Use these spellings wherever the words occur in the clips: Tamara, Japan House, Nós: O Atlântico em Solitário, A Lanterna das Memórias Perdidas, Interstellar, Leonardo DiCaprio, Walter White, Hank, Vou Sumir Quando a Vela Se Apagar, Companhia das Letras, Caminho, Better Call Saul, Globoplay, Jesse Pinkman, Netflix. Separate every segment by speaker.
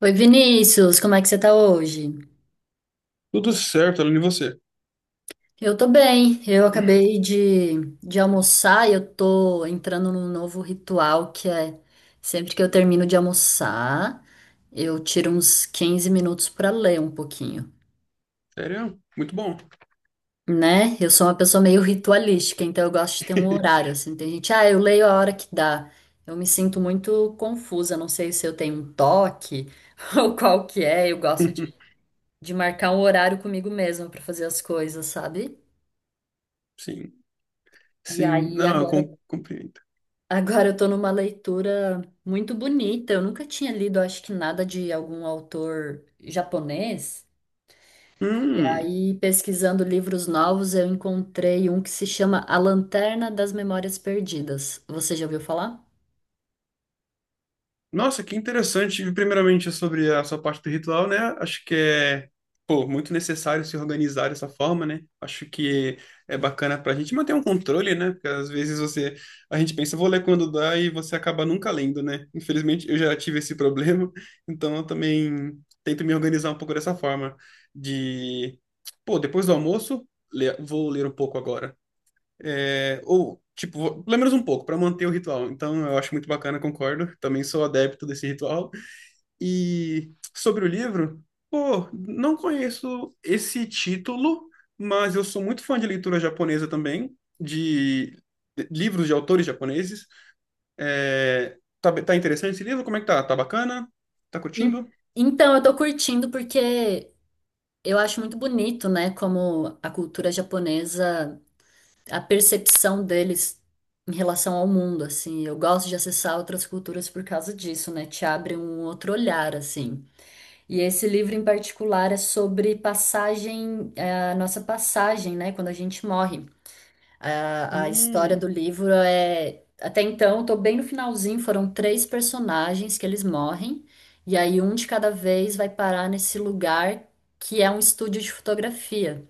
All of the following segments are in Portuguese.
Speaker 1: Oi, Vinícius, como é que você tá hoje?
Speaker 2: Tudo certo, Aline, e você?
Speaker 1: Eu tô bem, eu acabei de almoçar e eu tô entrando num novo ritual que é sempre que eu termino de almoçar, eu tiro uns 15 minutos pra ler um pouquinho,
Speaker 2: Sério? Muito bom.
Speaker 1: né? Eu sou uma pessoa meio ritualística, então eu gosto de ter um horário, assim, tem gente, ah, eu leio a hora que dá. Eu me sinto muito confusa, não sei se eu tenho um toque ou qual que é, eu gosto de marcar um horário comigo mesma pra fazer as coisas, sabe?
Speaker 2: Sim,
Speaker 1: E
Speaker 2: sim.
Speaker 1: aí
Speaker 2: Não, eu
Speaker 1: agora,
Speaker 2: compreendo.
Speaker 1: agora eu tô numa leitura muito bonita. Eu nunca tinha lido, acho que nada de algum autor japonês. E
Speaker 2: Hum.
Speaker 1: aí, pesquisando livros novos, eu encontrei um que se chama A Lanterna das Memórias Perdidas. Você já ouviu falar?
Speaker 2: Nossa, que interessante. Primeiramente, sobre a sua parte do ritual, né? Pô, muito necessário se organizar dessa forma, né? Acho que é bacana pra gente manter um controle, né? Porque às a gente pensa, vou ler quando dá e você acaba nunca lendo, né? Infelizmente, eu já tive esse problema, então eu também tento me organizar um pouco dessa forma de, pô, depois do almoço, vou ler um pouco agora. É, ou, tipo, pelo menos um pouco, para manter o ritual. Então, eu acho muito bacana, concordo. Também sou adepto desse ritual. E sobre o livro, pô, não conheço esse título, mas eu sou muito fã de leitura japonesa também, de livros de autores japoneses. É, tá interessante esse livro? Como é que tá? Tá bacana? Tá
Speaker 1: En-
Speaker 2: curtindo?
Speaker 1: Então, eu tô curtindo porque eu acho muito bonito, né, como a cultura japonesa a percepção deles em relação ao mundo, assim. Eu gosto de acessar outras culturas por causa disso, né? Te abre um outro olhar, assim. E esse livro em particular é sobre passagem, é, a nossa passagem, né? Quando a gente morre. A história do
Speaker 2: Hum,
Speaker 1: livro é. Até então, eu tô bem no finalzinho, foram três personagens que eles morrem, e aí um de cada vez vai parar nesse lugar que é um estúdio de fotografia.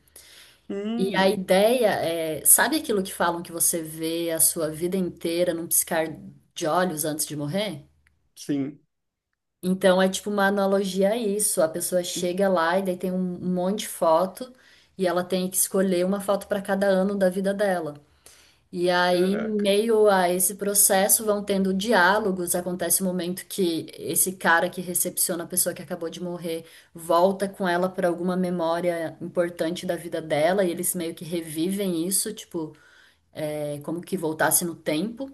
Speaker 1: E a
Speaker 2: hum,
Speaker 1: ideia é, sabe aquilo que falam que você vê a sua vida inteira num piscar de olhos antes de morrer?
Speaker 2: sim.
Speaker 1: Então é tipo uma analogia a isso. A pessoa chega lá e daí tem um monte de foto e ela tem que escolher uma foto para cada ano da vida dela. E aí, em
Speaker 2: Caraca.
Speaker 1: meio a esse processo, vão tendo diálogos. Acontece um momento que esse cara que recepciona a pessoa que acabou de morrer volta com ela para alguma memória importante da vida dela e eles meio que revivem isso, tipo é como que voltasse no tempo.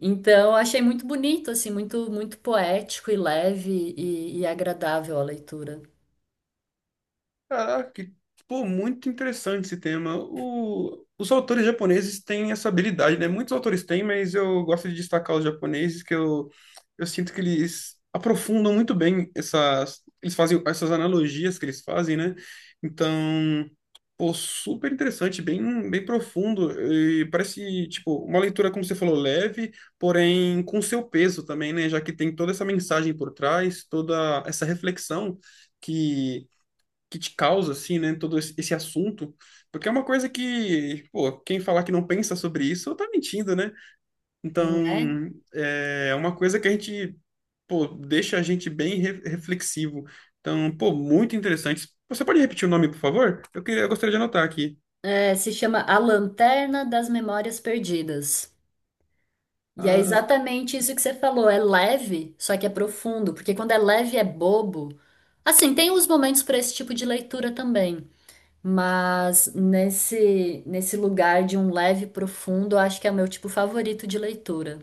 Speaker 1: Então, eu achei muito bonito, assim, muito, muito poético e leve e agradável a leitura,
Speaker 2: Caraca, pô, muito interessante esse tema. Os autores japoneses têm essa habilidade, né? Muitos autores têm, mas eu gosto de destacar os japoneses, eu sinto que eles aprofundam muito bem essas, eles fazem essas analogias que eles fazem, né? Então, pô, super interessante, bem, bem profundo e parece, tipo, uma leitura, como você falou, leve, porém com seu peso também, né? Já que tem toda essa mensagem por trás, toda essa reflexão que que te causa, assim, né, todo esse assunto, porque é uma coisa que, pô, quem falar que não pensa sobre isso, tá mentindo, né?
Speaker 1: né?
Speaker 2: Então, é uma coisa que a gente, pô, deixa a gente bem reflexivo. Então, pô, muito interessante. Você pode repetir o nome, por favor? Eu queria, eu gostaria de anotar aqui.
Speaker 1: É, se chama A Lanterna das Memórias Perdidas. E é
Speaker 2: Ah,
Speaker 1: exatamente isso que você falou, é leve, só que é profundo, porque quando é leve é bobo. Assim, tem os momentos para esse tipo de leitura também, mas nesse lugar de um leve profundo, eu acho que é o meu tipo favorito de leitura.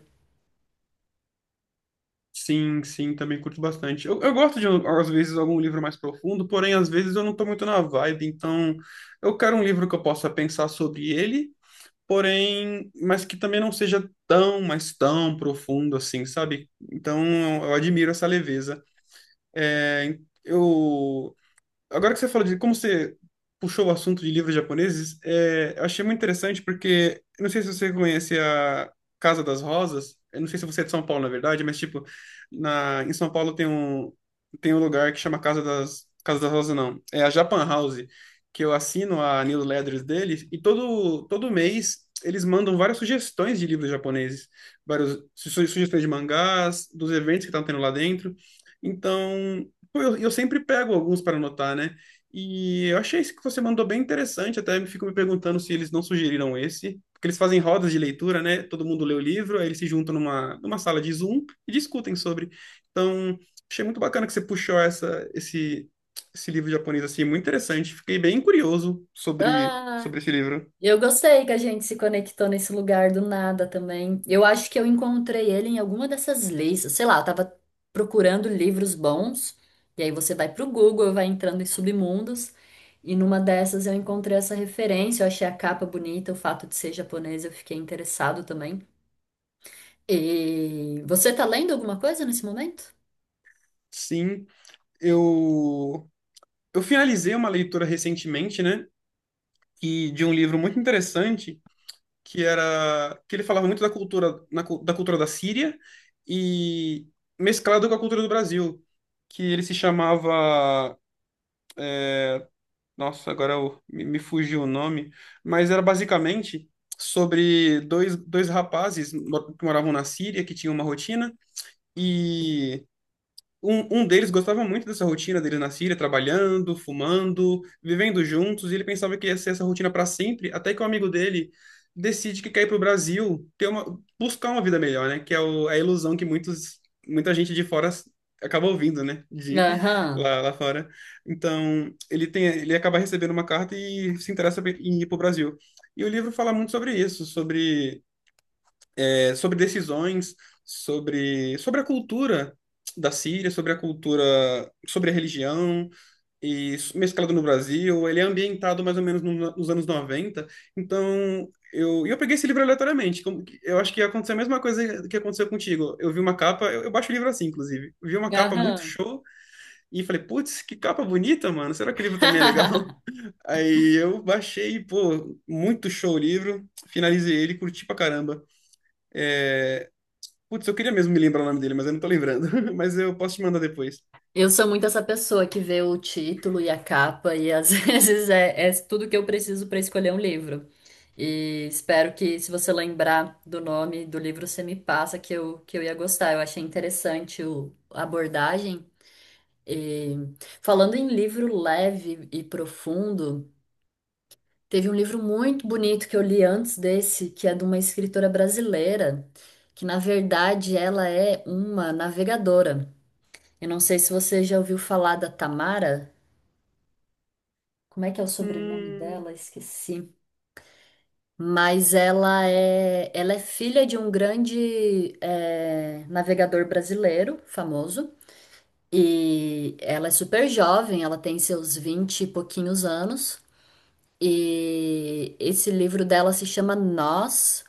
Speaker 2: sim, sim, também curto bastante. Eu gosto de, às vezes, algum livro mais profundo, porém, às vezes eu não tô muito na vibe, então eu quero um livro que eu possa pensar sobre ele porém, mas que também não seja tão, mas tão profundo assim, sabe? Então, eu admiro essa leveza. É, eu agora que você falou de como você puxou o assunto de livros japoneses, é, eu achei muito interessante porque, eu não sei se você conhece a Casa das Rosas, eu não sei se você é de São Paulo, na verdade, mas, tipo, em São Paulo tem um lugar que chama Casa das Rosas, não, é a Japan House, que eu assino a newsletters deles, e todo mês eles mandam várias sugestões de livros japoneses, várias sugestões de mangás, dos eventos que estão tendo lá dentro, então... Pô, eu sempre pego alguns para anotar, né? E eu achei esse que você mandou bem interessante, até me fico me perguntando se eles não sugeriram esse, porque eles fazem rodas de leitura, né? Todo mundo lê o livro, aí eles se juntam numa sala de Zoom e discutem sobre. Então, achei muito bacana que você puxou esse livro japonês assim, muito interessante. Fiquei bem curioso sobre,
Speaker 1: Ah,
Speaker 2: sobre esse livro.
Speaker 1: eu gostei que a gente se conectou nesse lugar do nada também. Eu acho que eu encontrei ele em alguma dessas listas. Sei lá, eu tava procurando livros bons. E aí você vai pro Google, vai entrando em submundos. E numa dessas eu encontrei essa referência. Eu achei a capa bonita, o fato de ser japonês, eu fiquei interessado também. E você tá lendo alguma coisa nesse momento?
Speaker 2: Sim, eu, eu finalizei uma leitura recentemente, né? E de um livro muito interessante que era que ele falava muito da cultura da cultura da Síria e mesclado com a cultura do Brasil, que ele se chamava, nossa, me fugiu o nome, mas era basicamente sobre dois rapazes que moravam na Síria, que tinham uma rotina e um deles gostava muito dessa rotina dele na Síria, trabalhando, fumando, vivendo juntos, e ele pensava que ia ser essa rotina para sempre, até que um amigo dele decide que quer ir para o Brasil, ter uma, buscar uma vida melhor, né? Que é o, é a ilusão que muitos, muita gente de fora acaba ouvindo, né? De
Speaker 1: Aham,
Speaker 2: lá fora. Então, ele tem, ele acaba recebendo uma carta e se interessa em ir para o Brasil. E o livro fala muito sobre isso, sobre é, sobre decisões, sobre, sobre a cultura da Síria, sobre a cultura, sobre a religião, e mesclado no Brasil. Ele é ambientado mais ou menos nos anos noventa. Então, e eu peguei esse livro aleatoriamente. Eu acho que aconteceu a mesma coisa que aconteceu contigo. Eu vi uma capa, eu baixo o livro assim, inclusive. Eu vi uma capa muito
Speaker 1: aham.
Speaker 2: show e falei, putz, que capa bonita, mano. Será que o livro também é legal? Aí eu baixei, pô, muito show o livro. Finalizei ele, curti pra caramba. Putz, eu queria mesmo me lembrar o nome dele, mas eu não tô lembrando. Mas eu posso te mandar depois.
Speaker 1: Eu sou muito essa pessoa que vê o título e a capa, e às vezes é, é tudo que eu preciso para escolher um livro. E espero que, se você lembrar do nome do livro, você me passa que eu ia gostar. Eu achei interessante o, a abordagem. E, falando em livro leve e profundo, teve um livro muito bonito que eu li antes desse, que é de uma escritora brasileira, que na verdade ela é uma navegadora. Eu não sei se você já ouviu falar da Tamara. Como é que é o sobrenome
Speaker 2: Hum,
Speaker 1: dela? Esqueci. Mas ela é filha de um grande é, navegador brasileiro, famoso. E ela é super jovem, ela tem seus 20 e pouquinhos anos. E esse livro dela se chama Nós.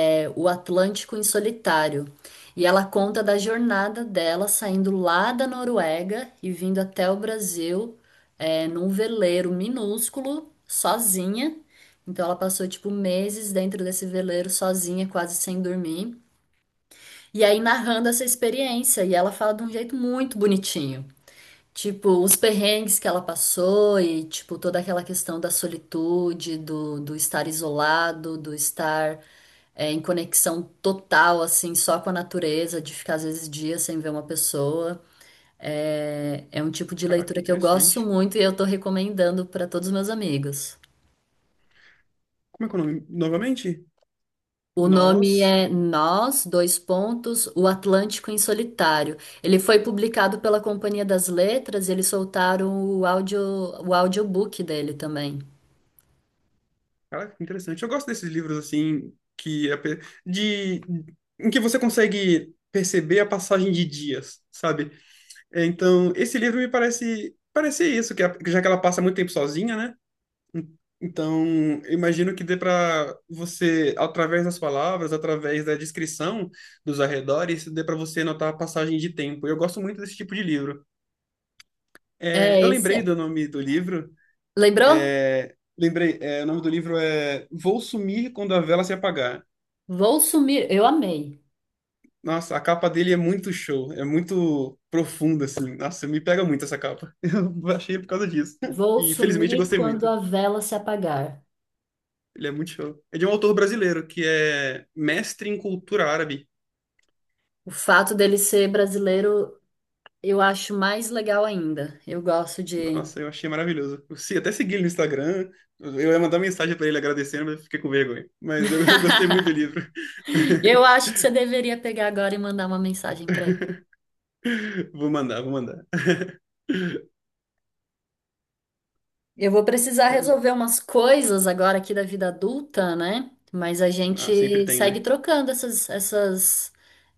Speaker 1: É, O Atlântico em Solitário. E ela conta da jornada dela saindo lá da Noruega e vindo até o Brasil é, num veleiro minúsculo, sozinha. Então ela passou tipo meses dentro desse veleiro sozinha, quase sem dormir. E aí narrando essa experiência. E ela fala de um jeito muito bonitinho. Tipo, os perrengues que ela passou e, tipo, toda aquela questão da solitude, do estar isolado, do estar é, em conexão total, assim, só com a natureza, de ficar às vezes dias sem ver uma pessoa. É, é um tipo de
Speaker 2: caraca, que
Speaker 1: leitura que eu gosto
Speaker 2: interessante.
Speaker 1: muito e eu tô recomendando para todos os meus amigos.
Speaker 2: Como é que é o nome? Novamente?
Speaker 1: O nome
Speaker 2: Nós.
Speaker 1: é Nós, dois pontos, O Atlântico em Solitário. Ele foi publicado pela Companhia das Letras e eles soltaram o áudio, o audiobook dele também.
Speaker 2: Caraca, que interessante. Eu gosto desses livros assim de em que você consegue perceber a passagem de dias, sabe? É, então, esse livro me parece isso, já que ela passa muito tempo sozinha, né? Então, eu imagino que dê para você, através das palavras, através da descrição dos arredores, dê para você notar a passagem de tempo. Eu gosto muito desse tipo de livro. É, eu
Speaker 1: É
Speaker 2: lembrei
Speaker 1: esse.
Speaker 2: do nome do livro.
Speaker 1: Lembrou?
Speaker 2: Lembrei, é, o nome do livro é Vou Sumir Quando a Vela Se Apagar.
Speaker 1: Vou sumir. Eu amei.
Speaker 2: Nossa, a capa dele é muito show, é muito profunda, assim. Nossa, me pega muito essa capa. Eu achei por causa disso.
Speaker 1: Vou
Speaker 2: E felizmente eu
Speaker 1: sumir
Speaker 2: gostei
Speaker 1: quando
Speaker 2: muito.
Speaker 1: a vela se apagar.
Speaker 2: Ele é muito show. É de um autor brasileiro que é mestre em cultura árabe.
Speaker 1: O fato dele ser brasileiro, eu acho mais legal ainda. Eu gosto de.
Speaker 2: Nossa, eu achei maravilhoso. Eu até segui ele no Instagram. Eu ia mandar mensagem pra ele agradecendo, mas eu fiquei com vergonha. Mas eu gostei muito do livro.
Speaker 1: Eu acho que você deveria pegar agora e mandar uma mensagem pra ele.
Speaker 2: Vou mandar.
Speaker 1: Eu vou precisar
Speaker 2: É,
Speaker 1: resolver umas coisas agora aqui da vida adulta, né? Mas a
Speaker 2: ah, sempre
Speaker 1: gente
Speaker 2: tem, né?
Speaker 1: segue trocando essas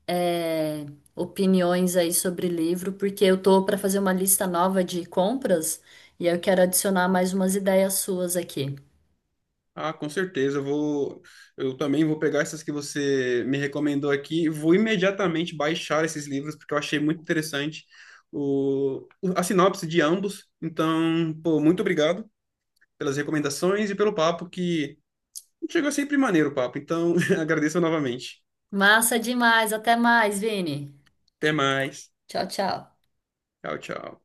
Speaker 1: é, opiniões aí sobre livro, porque eu tô para fazer uma lista nova de compras e eu quero adicionar mais umas ideias suas aqui.
Speaker 2: Ah, com certeza. Eu também vou pegar essas que você me recomendou aqui. Vou imediatamente baixar esses livros porque eu achei muito interessante a sinopse de ambos. Então, pô, muito obrigado pelas recomendações e pelo papo que chegou sempre maneiro o papo. Então, agradeço novamente.
Speaker 1: Massa demais, até mais, Vini.
Speaker 2: Até mais.
Speaker 1: Tchau, tchau.
Speaker 2: Tchau, tchau.